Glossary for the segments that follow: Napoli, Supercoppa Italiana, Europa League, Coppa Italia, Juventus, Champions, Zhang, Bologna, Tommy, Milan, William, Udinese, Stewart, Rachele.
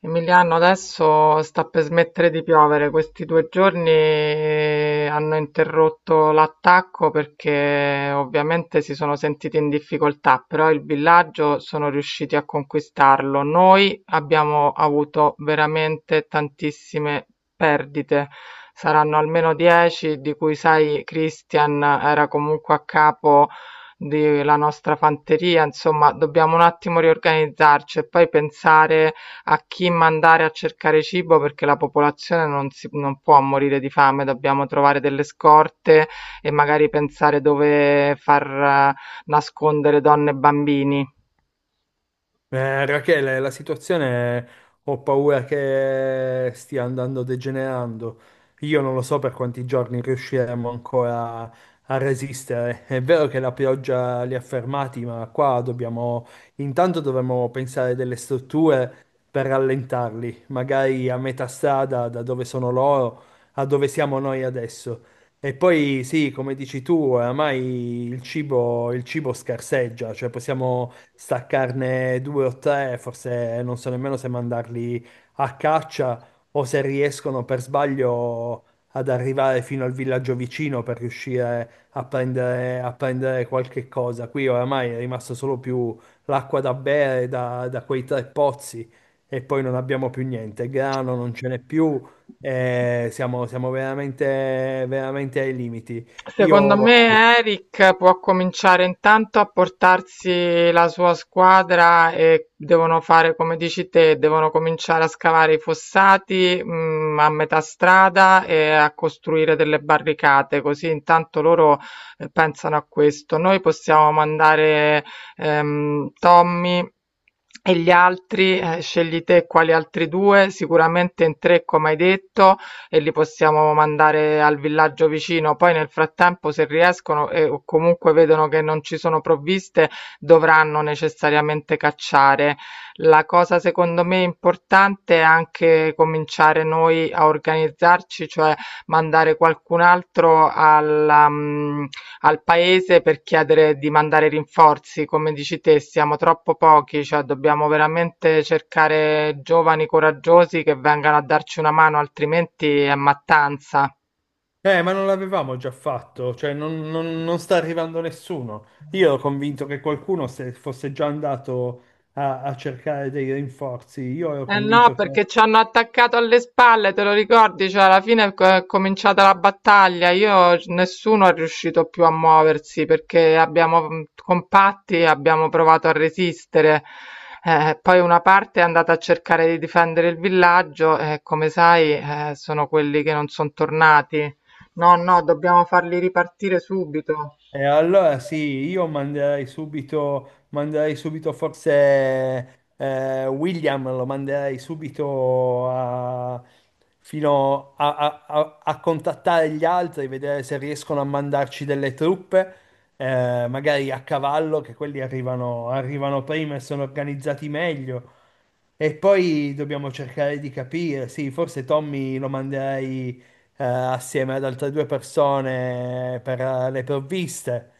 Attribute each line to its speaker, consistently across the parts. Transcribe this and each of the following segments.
Speaker 1: Emiliano, adesso sta per smettere di piovere. Questi due giorni hanno interrotto l'attacco perché ovviamente si sono sentiti in difficoltà, però il villaggio sono riusciti a conquistarlo. Noi abbiamo avuto veramente tantissime perdite. Saranno almeno 10, di cui sai, Christian era comunque a capo della nostra fanteria, insomma, dobbiamo un attimo riorganizzarci e poi pensare a chi mandare a cercare cibo perché la popolazione non può morire di fame, dobbiamo trovare delle scorte e magari pensare dove far nascondere donne e bambini.
Speaker 2: Rachele, la situazione ho paura che stia andando degenerando. Io non lo so per quanti giorni riusciremo ancora a resistere. È vero che la pioggia li ha fermati, ma qua dobbiamo, intanto dovremmo pensare delle strutture per rallentarli, magari a metà strada da dove sono loro a dove siamo noi adesso. E poi sì, come dici tu, oramai il cibo scarseggia, cioè possiamo staccarne due o tre, forse non so nemmeno se mandarli a caccia o se riescono per sbaglio ad arrivare fino al villaggio vicino per riuscire a prendere qualche cosa. Qui oramai è rimasto solo più l'acqua da bere da quei tre pozzi e poi non abbiamo più niente, grano non ce n'è più, siamo veramente, veramente ai limiti.
Speaker 1: Secondo
Speaker 2: Io
Speaker 1: me Eric può cominciare intanto a portarsi la sua squadra e devono fare come dici te, devono cominciare a scavare i fossati, a metà strada e a costruire delle barricate, così intanto loro pensano a questo. Noi possiamo mandare Tommy e gli altri, scegli te quali altri due, sicuramente in tre come hai detto e li possiamo mandare al villaggio vicino. Poi nel frattempo se riescono e o comunque vedono che non ci sono provviste, dovranno necessariamente cacciare. La cosa secondo me importante è anche cominciare noi a organizzarci, cioè mandare qualcun altro al paese per chiedere di mandare rinforzi. Come dici te, siamo troppo pochi, cioè dobbiamo veramente cercare giovani coraggiosi che vengano a darci una mano, altrimenti è mattanza.
Speaker 2: Ma non l'avevamo già fatto, cioè non sta arrivando nessuno. Io ero convinto che qualcuno se fosse già andato a cercare dei rinforzi. Io ero
Speaker 1: Eh no,
Speaker 2: convinto che
Speaker 1: perché ci hanno attaccato alle spalle, te lo ricordi? Cioè, alla fine è cominciata la battaglia. Io, nessuno è riuscito più a muoversi perché abbiamo compatti, abbiamo provato a resistere. Poi una parte è andata a cercare di difendere il villaggio e, come sai, sono quelli che non sono tornati. No, no, dobbiamo farli ripartire subito.
Speaker 2: E allora sì, io manderei subito, forse William, lo manderei subito a, fino a, a- a- a contattare gli altri, vedere se riescono a mandarci delle truppe, magari a cavallo, che quelli arrivano prima e sono organizzati meglio. E poi dobbiamo cercare di capire, sì, forse Tommy lo manderei assieme ad altre due persone per le provviste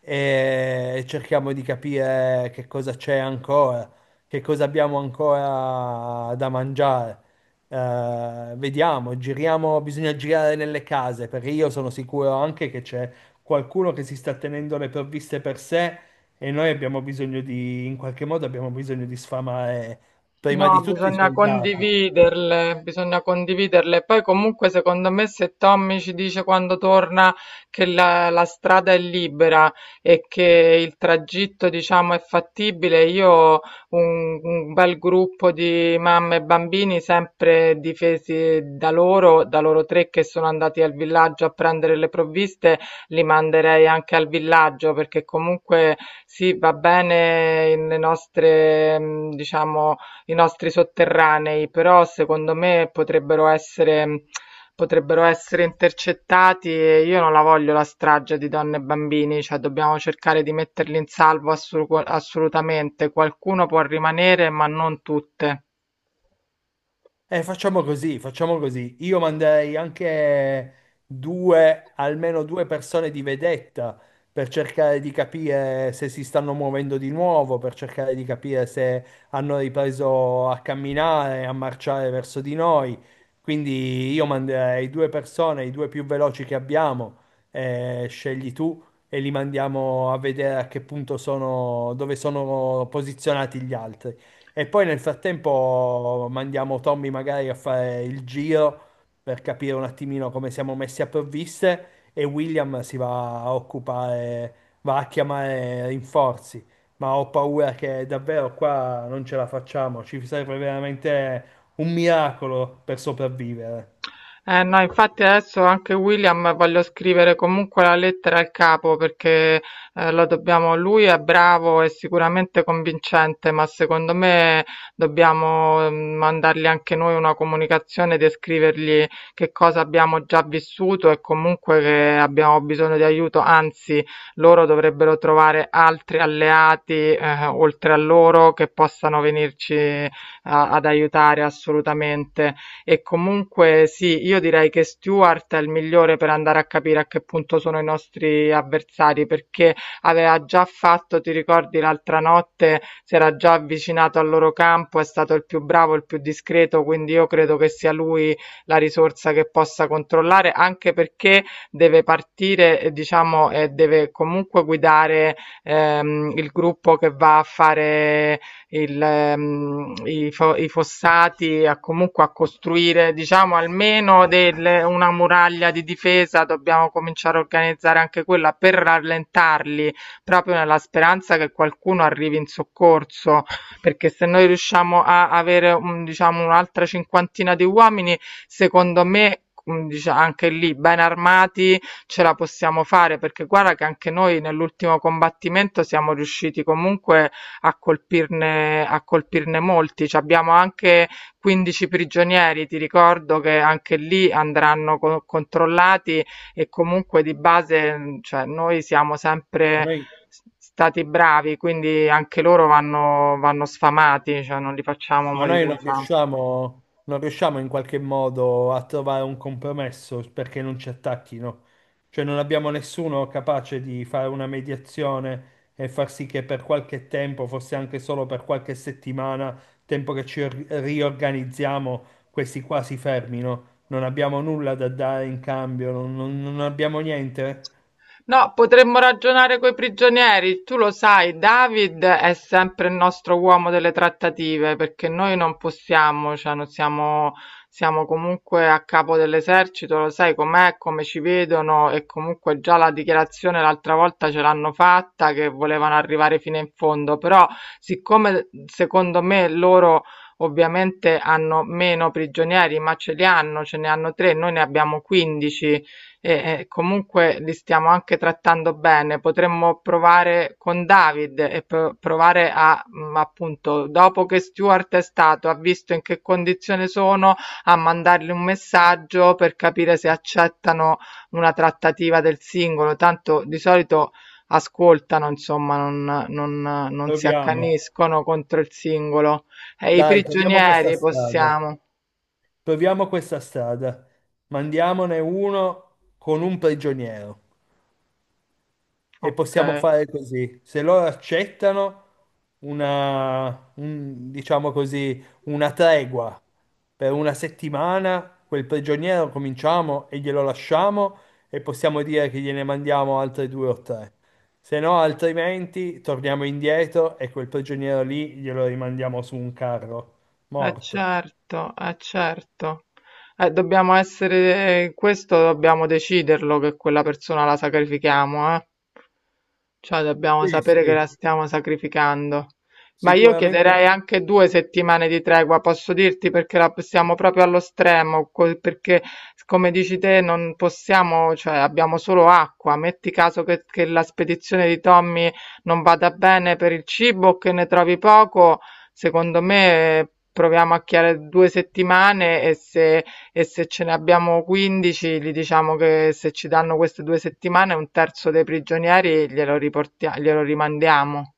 Speaker 2: e cerchiamo di capire che cosa c'è ancora, che cosa abbiamo ancora da mangiare. Vediamo, giriamo, bisogna girare nelle case perché io sono sicuro anche che c'è qualcuno che si sta tenendo le provviste per sé e noi abbiamo bisogno di, in qualche modo abbiamo bisogno di sfamare prima di
Speaker 1: No,
Speaker 2: tutto i
Speaker 1: bisogna
Speaker 2: soldati.
Speaker 1: condividerle, bisogna condividerle. Poi comunque secondo me se Tommy ci dice quando torna che la strada è libera e che il tragitto diciamo è fattibile, io un bel gruppo di mamme e bambini sempre difesi da loro tre che sono andati al villaggio a prendere le provviste, li manderei anche al villaggio perché comunque sì, va bene le nostre, diciamo i nostri sotterranei, però secondo me potrebbero essere intercettati e io non la voglio la strage di donne e bambini, cioè dobbiamo cercare di metterli in salvo assolutamente. Qualcuno può rimanere, ma non tutte.
Speaker 2: Facciamo così, facciamo così. Io manderei anche due, almeno due persone di vedetta per cercare di capire se si stanno muovendo di nuovo, per cercare di capire se hanno ripreso a camminare, a marciare verso di noi. Quindi io manderei due persone, i due più veloci che abbiamo, scegli tu e li mandiamo a vedere a che punto sono, dove sono posizionati gli altri. E poi nel frattempo mandiamo Tommy magari a fare il giro per capire un attimino come siamo messi a provviste e William si va a occupare, va a chiamare rinforzi. Ma ho paura che davvero qua non ce la facciamo, ci serve veramente un miracolo per sopravvivere.
Speaker 1: Eh no, infatti adesso anche William voglio scrivere comunque la lettera al capo perché lo dobbiamo, lui è bravo e sicuramente convincente, ma secondo me dobbiamo mm, mandargli anche noi una comunicazione e scrivergli che cosa abbiamo già vissuto e comunque che abbiamo bisogno di aiuto, anzi loro dovrebbero trovare altri alleati oltre a loro che possano venirci ad aiutare assolutamente. E comunque sì, io direi che Stewart è il migliore per andare a capire a che punto sono i nostri avversari, perché aveva già fatto, ti ricordi, l'altra notte si era già avvicinato al loro campo, è stato il più bravo, il più discreto, quindi io credo che sia lui la risorsa che possa controllare, anche perché deve partire, diciamo, e deve comunque guidare il gruppo che va a fare i fossati a, comunque a costruire, diciamo, una muraglia di difesa, dobbiamo cominciare a organizzare anche quella per rallentarli, proprio nella speranza che qualcuno arrivi in soccorso, perché se noi riusciamo a avere, diciamo, un'altra cinquantina di uomini, secondo me anche lì ben armati ce la possiamo fare perché guarda che anche noi nell'ultimo combattimento siamo riusciti comunque a colpirne molti. Ci abbiamo anche 15 prigionieri, ti ricordo che anche lì andranno controllati e comunque di base, cioè, noi siamo sempre stati bravi, quindi anche loro vanno, vanno sfamati, cioè non li facciamo
Speaker 2: Ma noi
Speaker 1: morire di
Speaker 2: non
Speaker 1: fame.
Speaker 2: riusciamo, non riusciamo in qualche modo a trovare un compromesso perché non ci attacchino. Cioè non abbiamo nessuno capace di fare una mediazione e far sì che per qualche tempo, forse anche solo per qualche settimana, tempo che ci riorganizziamo, questi qua si fermino. Non abbiamo nulla da dare in cambio, non abbiamo niente.
Speaker 1: No, potremmo ragionare coi prigionieri. Tu lo sai, David è sempre il nostro uomo delle trattative, perché noi non possiamo, cioè non siamo, siamo comunque a capo dell'esercito, lo sai com'è, come ci vedono e comunque già la dichiarazione l'altra volta ce l'hanno fatta che volevano arrivare fino in fondo, però siccome secondo me loro ovviamente hanno meno prigionieri, ma ce li hanno, ce ne hanno tre, noi ne abbiamo 15 e, comunque li stiamo anche trattando bene. Potremmo provare con David e provare a, appunto, dopo che Stuart è stato, ha visto in che condizione sono, a mandargli un messaggio per capire se accettano una trattativa del singolo. Tanto di solito ascoltano, insomma, non si
Speaker 2: Proviamo.
Speaker 1: accaniscono contro il singolo. E i
Speaker 2: Dai, proviamo questa
Speaker 1: prigionieri
Speaker 2: strada.
Speaker 1: possiamo.
Speaker 2: Proviamo questa strada, mandiamone uno con un prigioniero e
Speaker 1: Ok.
Speaker 2: possiamo fare così. Se loro accettano una, diciamo così, una tregua per una settimana, quel prigioniero cominciamo e glielo lasciamo e possiamo dire che gliene mandiamo altri due o tre. Se no, altrimenti torniamo indietro e quel prigioniero lì glielo rimandiamo su un carro
Speaker 1: Eh
Speaker 2: morto.
Speaker 1: certo, eh certo. Dobbiamo essere, questo dobbiamo deciderlo che quella persona la sacrifichiamo, eh. Cioè dobbiamo
Speaker 2: Sì,
Speaker 1: sapere che la
Speaker 2: sì,
Speaker 1: stiamo sacrificando. Ma io
Speaker 2: sicuramente.
Speaker 1: chiederei anche due settimane di tregua, posso dirti, perché la possiamo proprio allo stremo, perché come dici te non possiamo, cioè abbiamo solo acqua. Metti caso che la spedizione di Tommy non vada bene per il cibo, che ne trovi poco. Secondo me proviamo a chiare 2 settimane e se ce ne abbiamo 15 gli diciamo che se ci danno queste 2 settimane un terzo dei prigionieri glielo rimandiamo.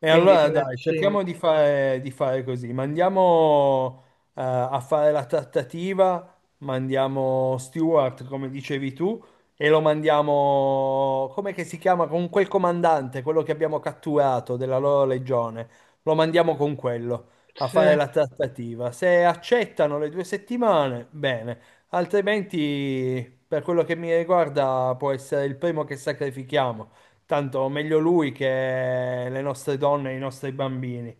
Speaker 2: E
Speaker 1: Quindi
Speaker 2: allora
Speaker 1: fino a
Speaker 2: dai, cerchiamo
Speaker 1: 5.
Speaker 2: di fare così. Mandiamo a fare la trattativa, mandiamo Stewart, come dicevi tu, e lo mandiamo, come che si chiama, con quel comandante, quello che abbiamo catturato della loro legione. Lo mandiamo con quello a
Speaker 1: Sì.
Speaker 2: fare la trattativa. Se accettano le 2 settimane, bene, altrimenti, per quello che mi riguarda, può essere il primo che sacrifichiamo. Tanto meglio lui che le nostre donne e i nostri bambini.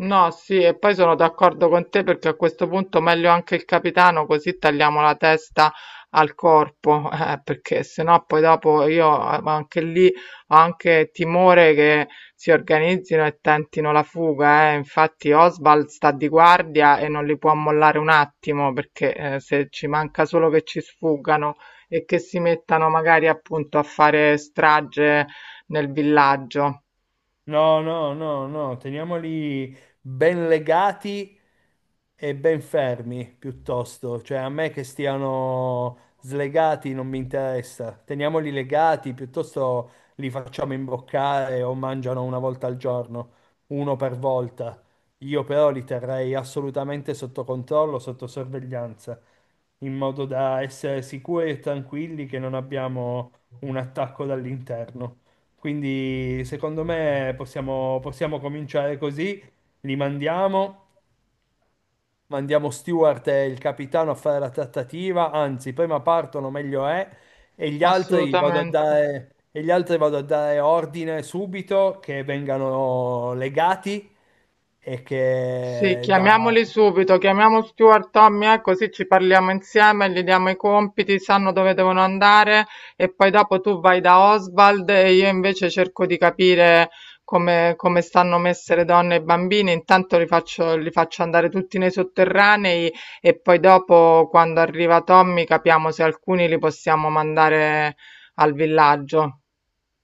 Speaker 1: No, sì, e poi sono d'accordo con te perché a questo punto meglio anche il capitano, così tagliamo la testa al corpo, perché sennò poi dopo io anche lì ho anche timore che si organizzino e tentino la fuga, eh. Infatti Oswald sta di guardia e non li può mollare un attimo, perché se ci manca solo che ci sfuggano e che si mettano magari appunto a fare strage nel villaggio.
Speaker 2: No, no, no, no, teniamoli ben legati e ben fermi piuttosto, cioè a me che stiano slegati non mi interessa, teniamoli legati piuttosto li facciamo imboccare o mangiano una volta al giorno, uno per volta. Io però li terrei assolutamente sotto controllo, sotto sorveglianza, in modo da essere sicuri e tranquilli che non abbiamo un attacco dall'interno. Quindi secondo me possiamo, possiamo cominciare così, li mandiamo, mandiamo Stewart e il capitano a fare la trattativa, anzi prima partono meglio è,
Speaker 1: Assolutamente.
Speaker 2: e gli altri vado a dare ordine subito che vengano legati. e
Speaker 1: Sì,
Speaker 2: che da-
Speaker 1: chiamiamoli subito, chiamiamo Stuart, Tommy, così ci parliamo insieme, gli diamo i compiti, sanno dove devono andare e poi dopo tu vai da Oswald e io invece cerco di capire come, come stanno messe le donne e i bambini, intanto li faccio andare tutti nei sotterranei e poi dopo quando arriva Tommy capiamo se alcuni li possiamo mandare al villaggio.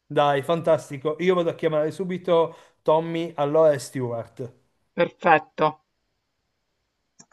Speaker 2: dai, fantastico, io vado a chiamare subito Tommy, allora e Stewart.
Speaker 1: Perfetto.